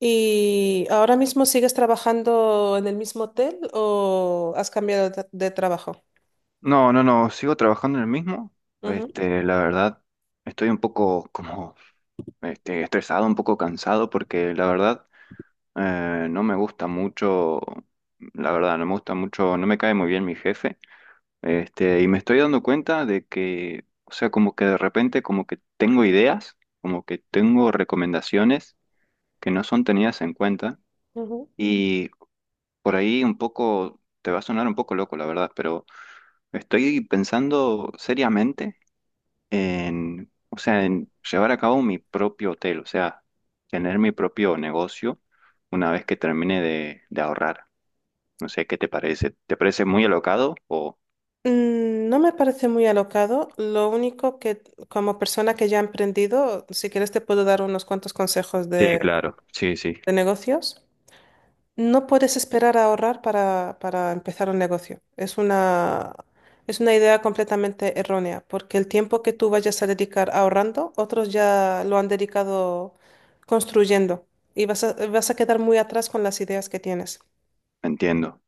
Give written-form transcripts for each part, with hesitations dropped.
¿Y ahora mismo sigues trabajando en el mismo hotel o has cambiado de trabajo? No, no, no, sigo trabajando en el mismo. Ujú, La verdad, estoy un poco como estresado, un poco cansado, porque la verdad, no me gusta mucho, la verdad, no me gusta mucho, no me cae muy bien mi jefe. Y me estoy dando cuenta de que, o sea, como que de repente como que tengo ideas, como que tengo recomendaciones que no son tenidas en cuenta. ujú. Y por ahí un poco, te va a sonar un poco loco, la verdad, pero estoy pensando seriamente en, o sea, en llevar a cabo mi propio hotel, o sea, tener mi propio negocio una vez que termine de ahorrar. No sé, ¿qué te parece? ¿Te parece muy alocado o…? Mm. No me parece muy alocado. Lo único que como persona que ya ha emprendido, si quieres te puedo dar unos cuantos consejos Sí, de, claro, sí, sí, de negocios. No puedes esperar a ahorrar para empezar un negocio. Es una idea completamente errónea, porque el tiempo que tú vayas a dedicar ahorrando, otros ya lo han dedicado construyendo y vas a quedar muy atrás con las ideas que tienes. entiendo,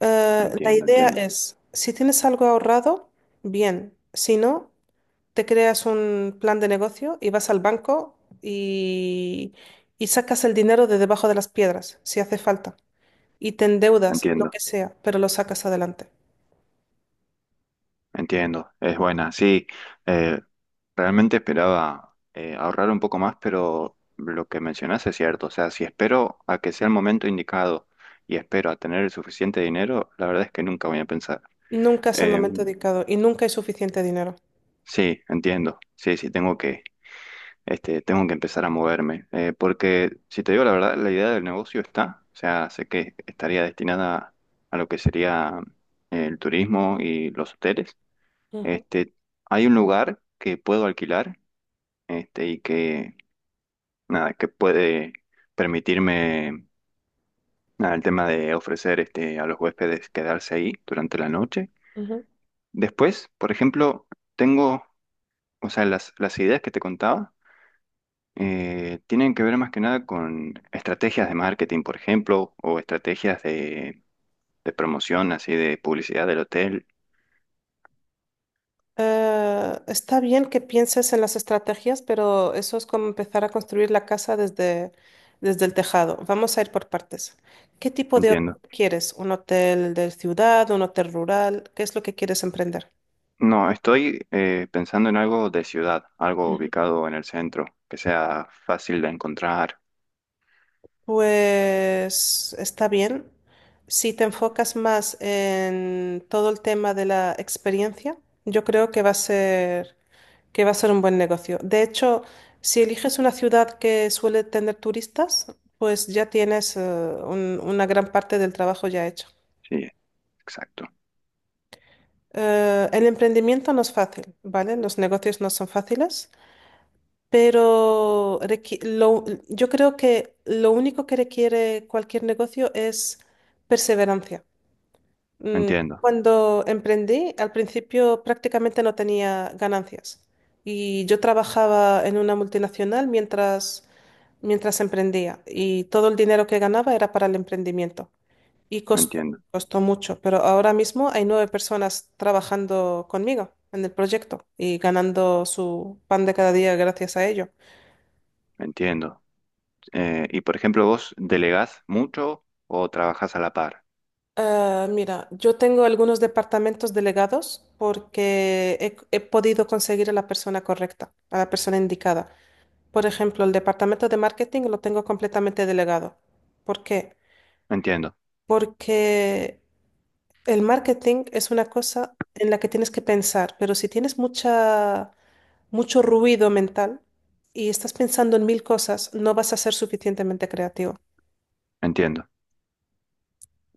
La entiendo, idea entiendo, es, si tienes algo ahorrado, bien. Si no, te creas un plan de negocio y vas al banco y, y sacas el dinero de debajo de las piedras, si hace falta y te endeudas, lo entiendo, que sea, pero lo sacas adelante. entiendo. Es buena, sí. eh, realmente esperaba ahorrar un poco más, pero lo que mencionas es cierto. O sea, si espero a que sea el momento indicado y espero a tener el suficiente dinero, la verdad es que nunca voy a pensar. Nunca es el momento Em, dedicado y nunca hay suficiente dinero. Sí, entiendo. Sí, sí, tengo que empezar a moverme. Porque, si te digo la verdad, la idea del negocio está. O sea, sé que estaría destinada a lo que sería el turismo y los hoteles. Ujú, Este, Hay un lugar que puedo alquilar, y que, nada, que puede permitirme, nada, el tema de ofrecer, a los huéspedes quedarse ahí durante la noche. ujú. Después, por ejemplo, tengo, o sea, las ideas que te contaba. Tienen que ver más que nada con estrategias de marketing, por ejemplo, o estrategias de promoción, así de publicidad del hotel. Está bien que pienses en las estrategias, pero eso es como empezar a construir la casa desde el tejado. Vamos a ir por partes. ¿Qué tipo de hotel Entiendo. quieres? ¿Un hotel de ciudad, un hotel rural? ¿Qué es lo que quieres emprender? No, estoy pensando en algo de ciudad, algo ubicado en el centro, que sea fácil de encontrar. Pues está bien. Si te enfocas más en todo el tema de la experiencia, yo creo que va a ser, que va a ser un buen negocio. De hecho, si eliges una ciudad que suele tener turistas, pues ya tienes una gran parte del trabajo ya hecho. Sí, exacto. El emprendimiento no es fácil, ¿vale? Los negocios no son fáciles, pero yo creo que lo único que requiere cualquier negocio es perseverancia. Me Mm, entiendo, Cuando emprendí, al principio prácticamente no tenía ganancias y yo trabajaba en una multinacional mientras emprendía y todo el dinero que ganaba era para el emprendimiento y me costó, entiendo, costó mucho, pero ahora mismo hay 9 personas trabajando conmigo en el proyecto y ganando su pan de cada día gracias a ello. me entiendo. Y por ejemplo, ¿vos delegás mucho o trabajás a la par? Ah, mira, yo tengo algunos departamentos delegados porque he podido conseguir a la persona correcta, a la persona indicada. Por ejemplo, el departamento de marketing lo tengo completamente delegado. ¿Por qué? Entiendo, Porque el marketing es una cosa en la que tienes que pensar, pero si tienes mucha, mucho ruido mental y estás pensando en mil cosas, no vas a ser suficientemente creativo. entiendo.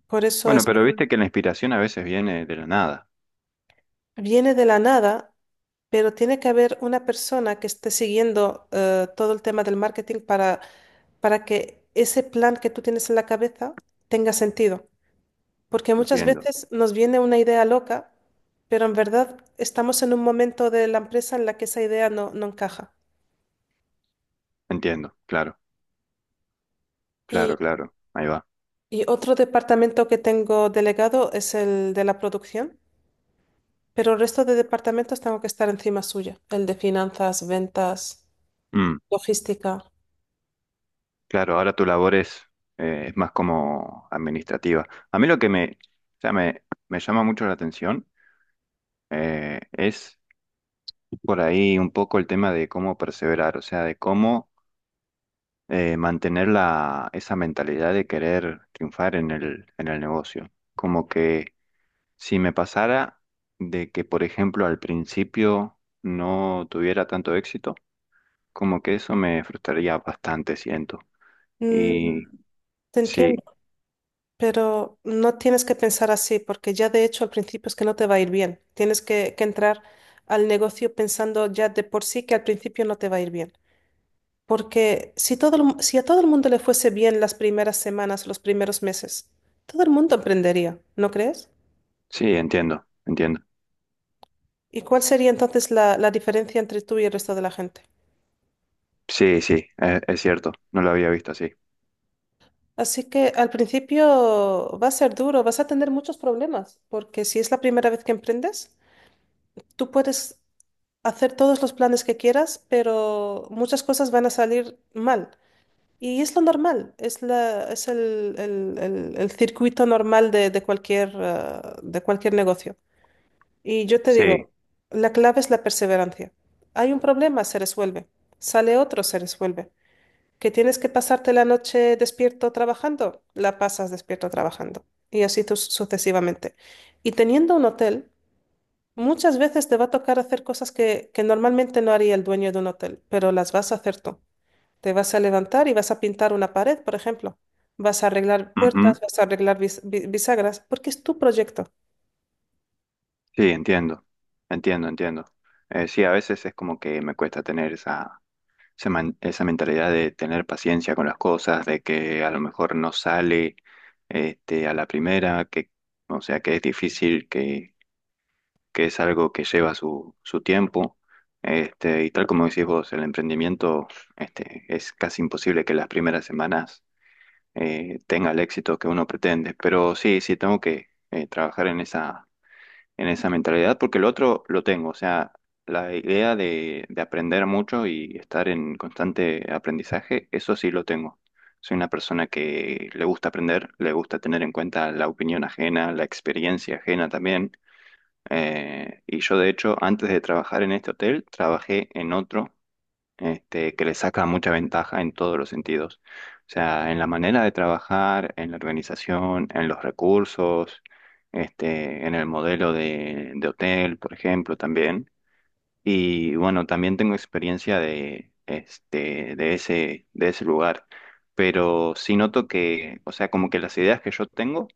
Por eso Bueno, es, pero viste que la inspiración a veces viene de la nada. viene de la nada, pero tiene que haber una persona que esté siguiendo todo el tema del marketing para que ese plan que tú tienes en la cabeza tenga sentido. Porque muchas Entiendo, veces nos viene una idea loca, pero en verdad estamos en un momento de la empresa en la que esa idea no, no encaja. entiendo, claro. Y, Claro, claro, ahí va. y otro departamento que tengo delegado es el de la producción, pero el resto de departamentos tengo que estar encima suya, el de finanzas, ventas, Mm, logística. claro, ahora tu labor es más como administrativa. A mí lo que me, o sea, me llama mucho la atención, es por ahí un poco el tema de cómo perseverar, o sea, de cómo, mantener esa mentalidad de querer triunfar en el negocio. Como que si me pasara de que, por ejemplo, al principio no tuviera tanto éxito, como que eso me frustraría bastante, siento. Mm, Y Te entiendo, sí, pero no tienes que pensar así, porque ya de hecho al principio es que no te va a ir bien. Tienes que entrar al negocio pensando ya de por sí que al principio no te va a ir bien. Porque si, si a todo el mundo le fuese bien las primeras semanas, los primeros meses, todo el mundo emprendería, ¿no crees? sí, entiendo, entiendo. ¿Y cuál sería entonces la diferencia entre tú y el resto de la gente? Sí, sí, es cierto, no lo había visto así. Así que al principio va a ser duro, vas a tener muchos problemas, porque si es la primera vez que emprendes, tú puedes hacer todos los planes que quieras, pero muchas cosas van a salir mal. Y es lo normal, es la, es el, el circuito normal de cualquier, de cualquier negocio. Y yo te Sí, digo, la clave es la perseverancia. Hay un problema, se resuelve. Sale otro, se resuelve. ¿Que tienes que pasarte la noche despierto trabajando? La pasas despierto trabajando. Y así tú sucesivamente. Y teniendo un hotel, muchas veces te va a tocar hacer cosas que normalmente no haría el dueño de un hotel, pero las vas a hacer tú. Te vas a levantar y vas a pintar una pared, por ejemplo. Vas a arreglar ujú, puertas, vas a arreglar bisagras, porque es tu proyecto. sí, entiendo, entiendo, entiendo. Sí, a veces es como que me cuesta tener esa mentalidad de tener paciencia con las cosas, de que a lo mejor no sale a la primera, o sea, que es difícil, que es algo que lleva su tiempo. Y tal como decís vos, el emprendimiento, es casi imposible que las primeras semanas, tenga el éxito que uno pretende. Pero sí, sí, tengo que, trabajar en esa mentalidad porque el otro lo tengo. O sea, la idea de aprender mucho y estar en constante aprendizaje, eso sí lo tengo. Soy una persona que le gusta aprender, le gusta tener en cuenta la opinión ajena, la experiencia ajena también. Y yo, de hecho, antes de trabajar en este hotel, trabajé en otro, que le saca mucha ventaja en todos los sentidos. O sea, en la manera de trabajar, en la organización, en los recursos, en el modelo de hotel, por ejemplo, también. Y bueno, también tengo experiencia de ese lugar. Pero sí noto que, o sea, como que las ideas que yo tengo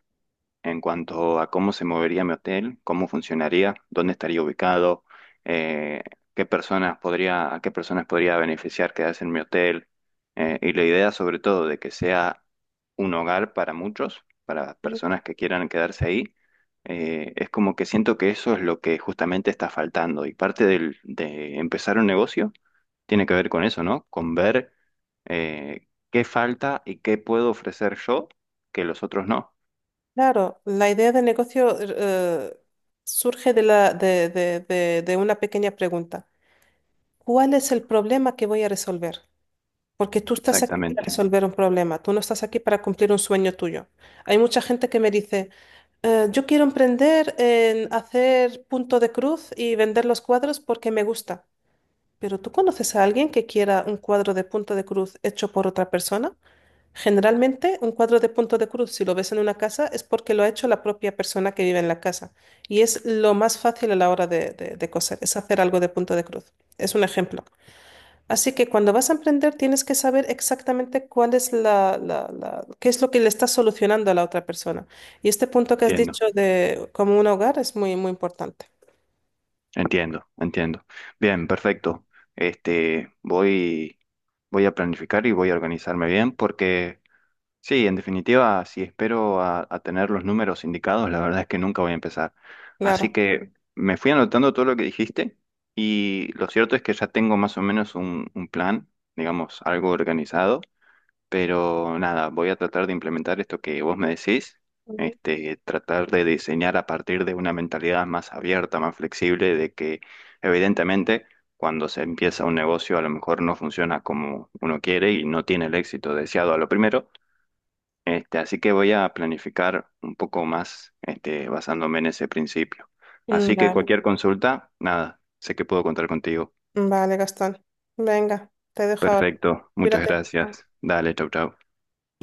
en cuanto a cómo se movería mi hotel, cómo funcionaría, dónde estaría ubicado, eh, qué personas podría, a qué personas podría beneficiar quedarse en mi hotel, y la idea sobre todo de que sea un hogar para muchos, para personas que quieran quedarse ahí, es como que siento que eso es lo que justamente está faltando y parte de empezar un negocio tiene que ver con eso, ¿no? Con ver, qué falta y qué puedo ofrecer yo que los otros no. Claro, la idea de negocio surge de de una pequeña pregunta. ¿Cuál es el problema que voy a resolver? Porque tú estás aquí para Exactamente. resolver un problema, tú no estás aquí para cumplir un sueño tuyo. Hay mucha gente que me dice, yo quiero emprender en hacer punto de cruz y vender los cuadros porque me gusta. Pero ¿tú conoces a alguien que quiera un cuadro de punto de cruz hecho por otra persona? Generalmente, un cuadro de punto de cruz, si lo ves en una casa, es porque lo ha hecho la propia persona que vive en la casa. Y es lo más fácil a la hora de, de coser, es hacer algo de punto de cruz. Es un ejemplo. Así que cuando vas a emprender, tienes que saber exactamente cuál es la, qué es lo que le estás solucionando a la otra persona. Y este punto que has Entiendo, dicho de como un hogar es muy, muy importante. entiendo, entiendo. Bien, perfecto. Este, voy, voy a planificar y voy a organizarme bien porque, sí, en definitiva, si espero a tener los números indicados, la verdad es que nunca voy a empezar. Así Claro. que me fui anotando todo lo que dijiste y lo cierto es que ya tengo más o menos un plan, digamos, algo organizado. Pero nada, voy a tratar de implementar esto que vos me decís, Ujú. Tratar de diseñar a partir de una mentalidad más abierta, más flexible, de que evidentemente cuando se empieza un negocio a lo mejor no funciona como uno quiere y no tiene el éxito deseado a lo primero. Así que voy a planificar un poco más, basándome en ese principio. Mm, Así que Vale, cualquier consulta, nada, sé que puedo contar contigo. vale, Gastón. Venga, te dejo ahora. Perfecto, muchas Cuídate. Chao. gracias. Dale, chau, chau.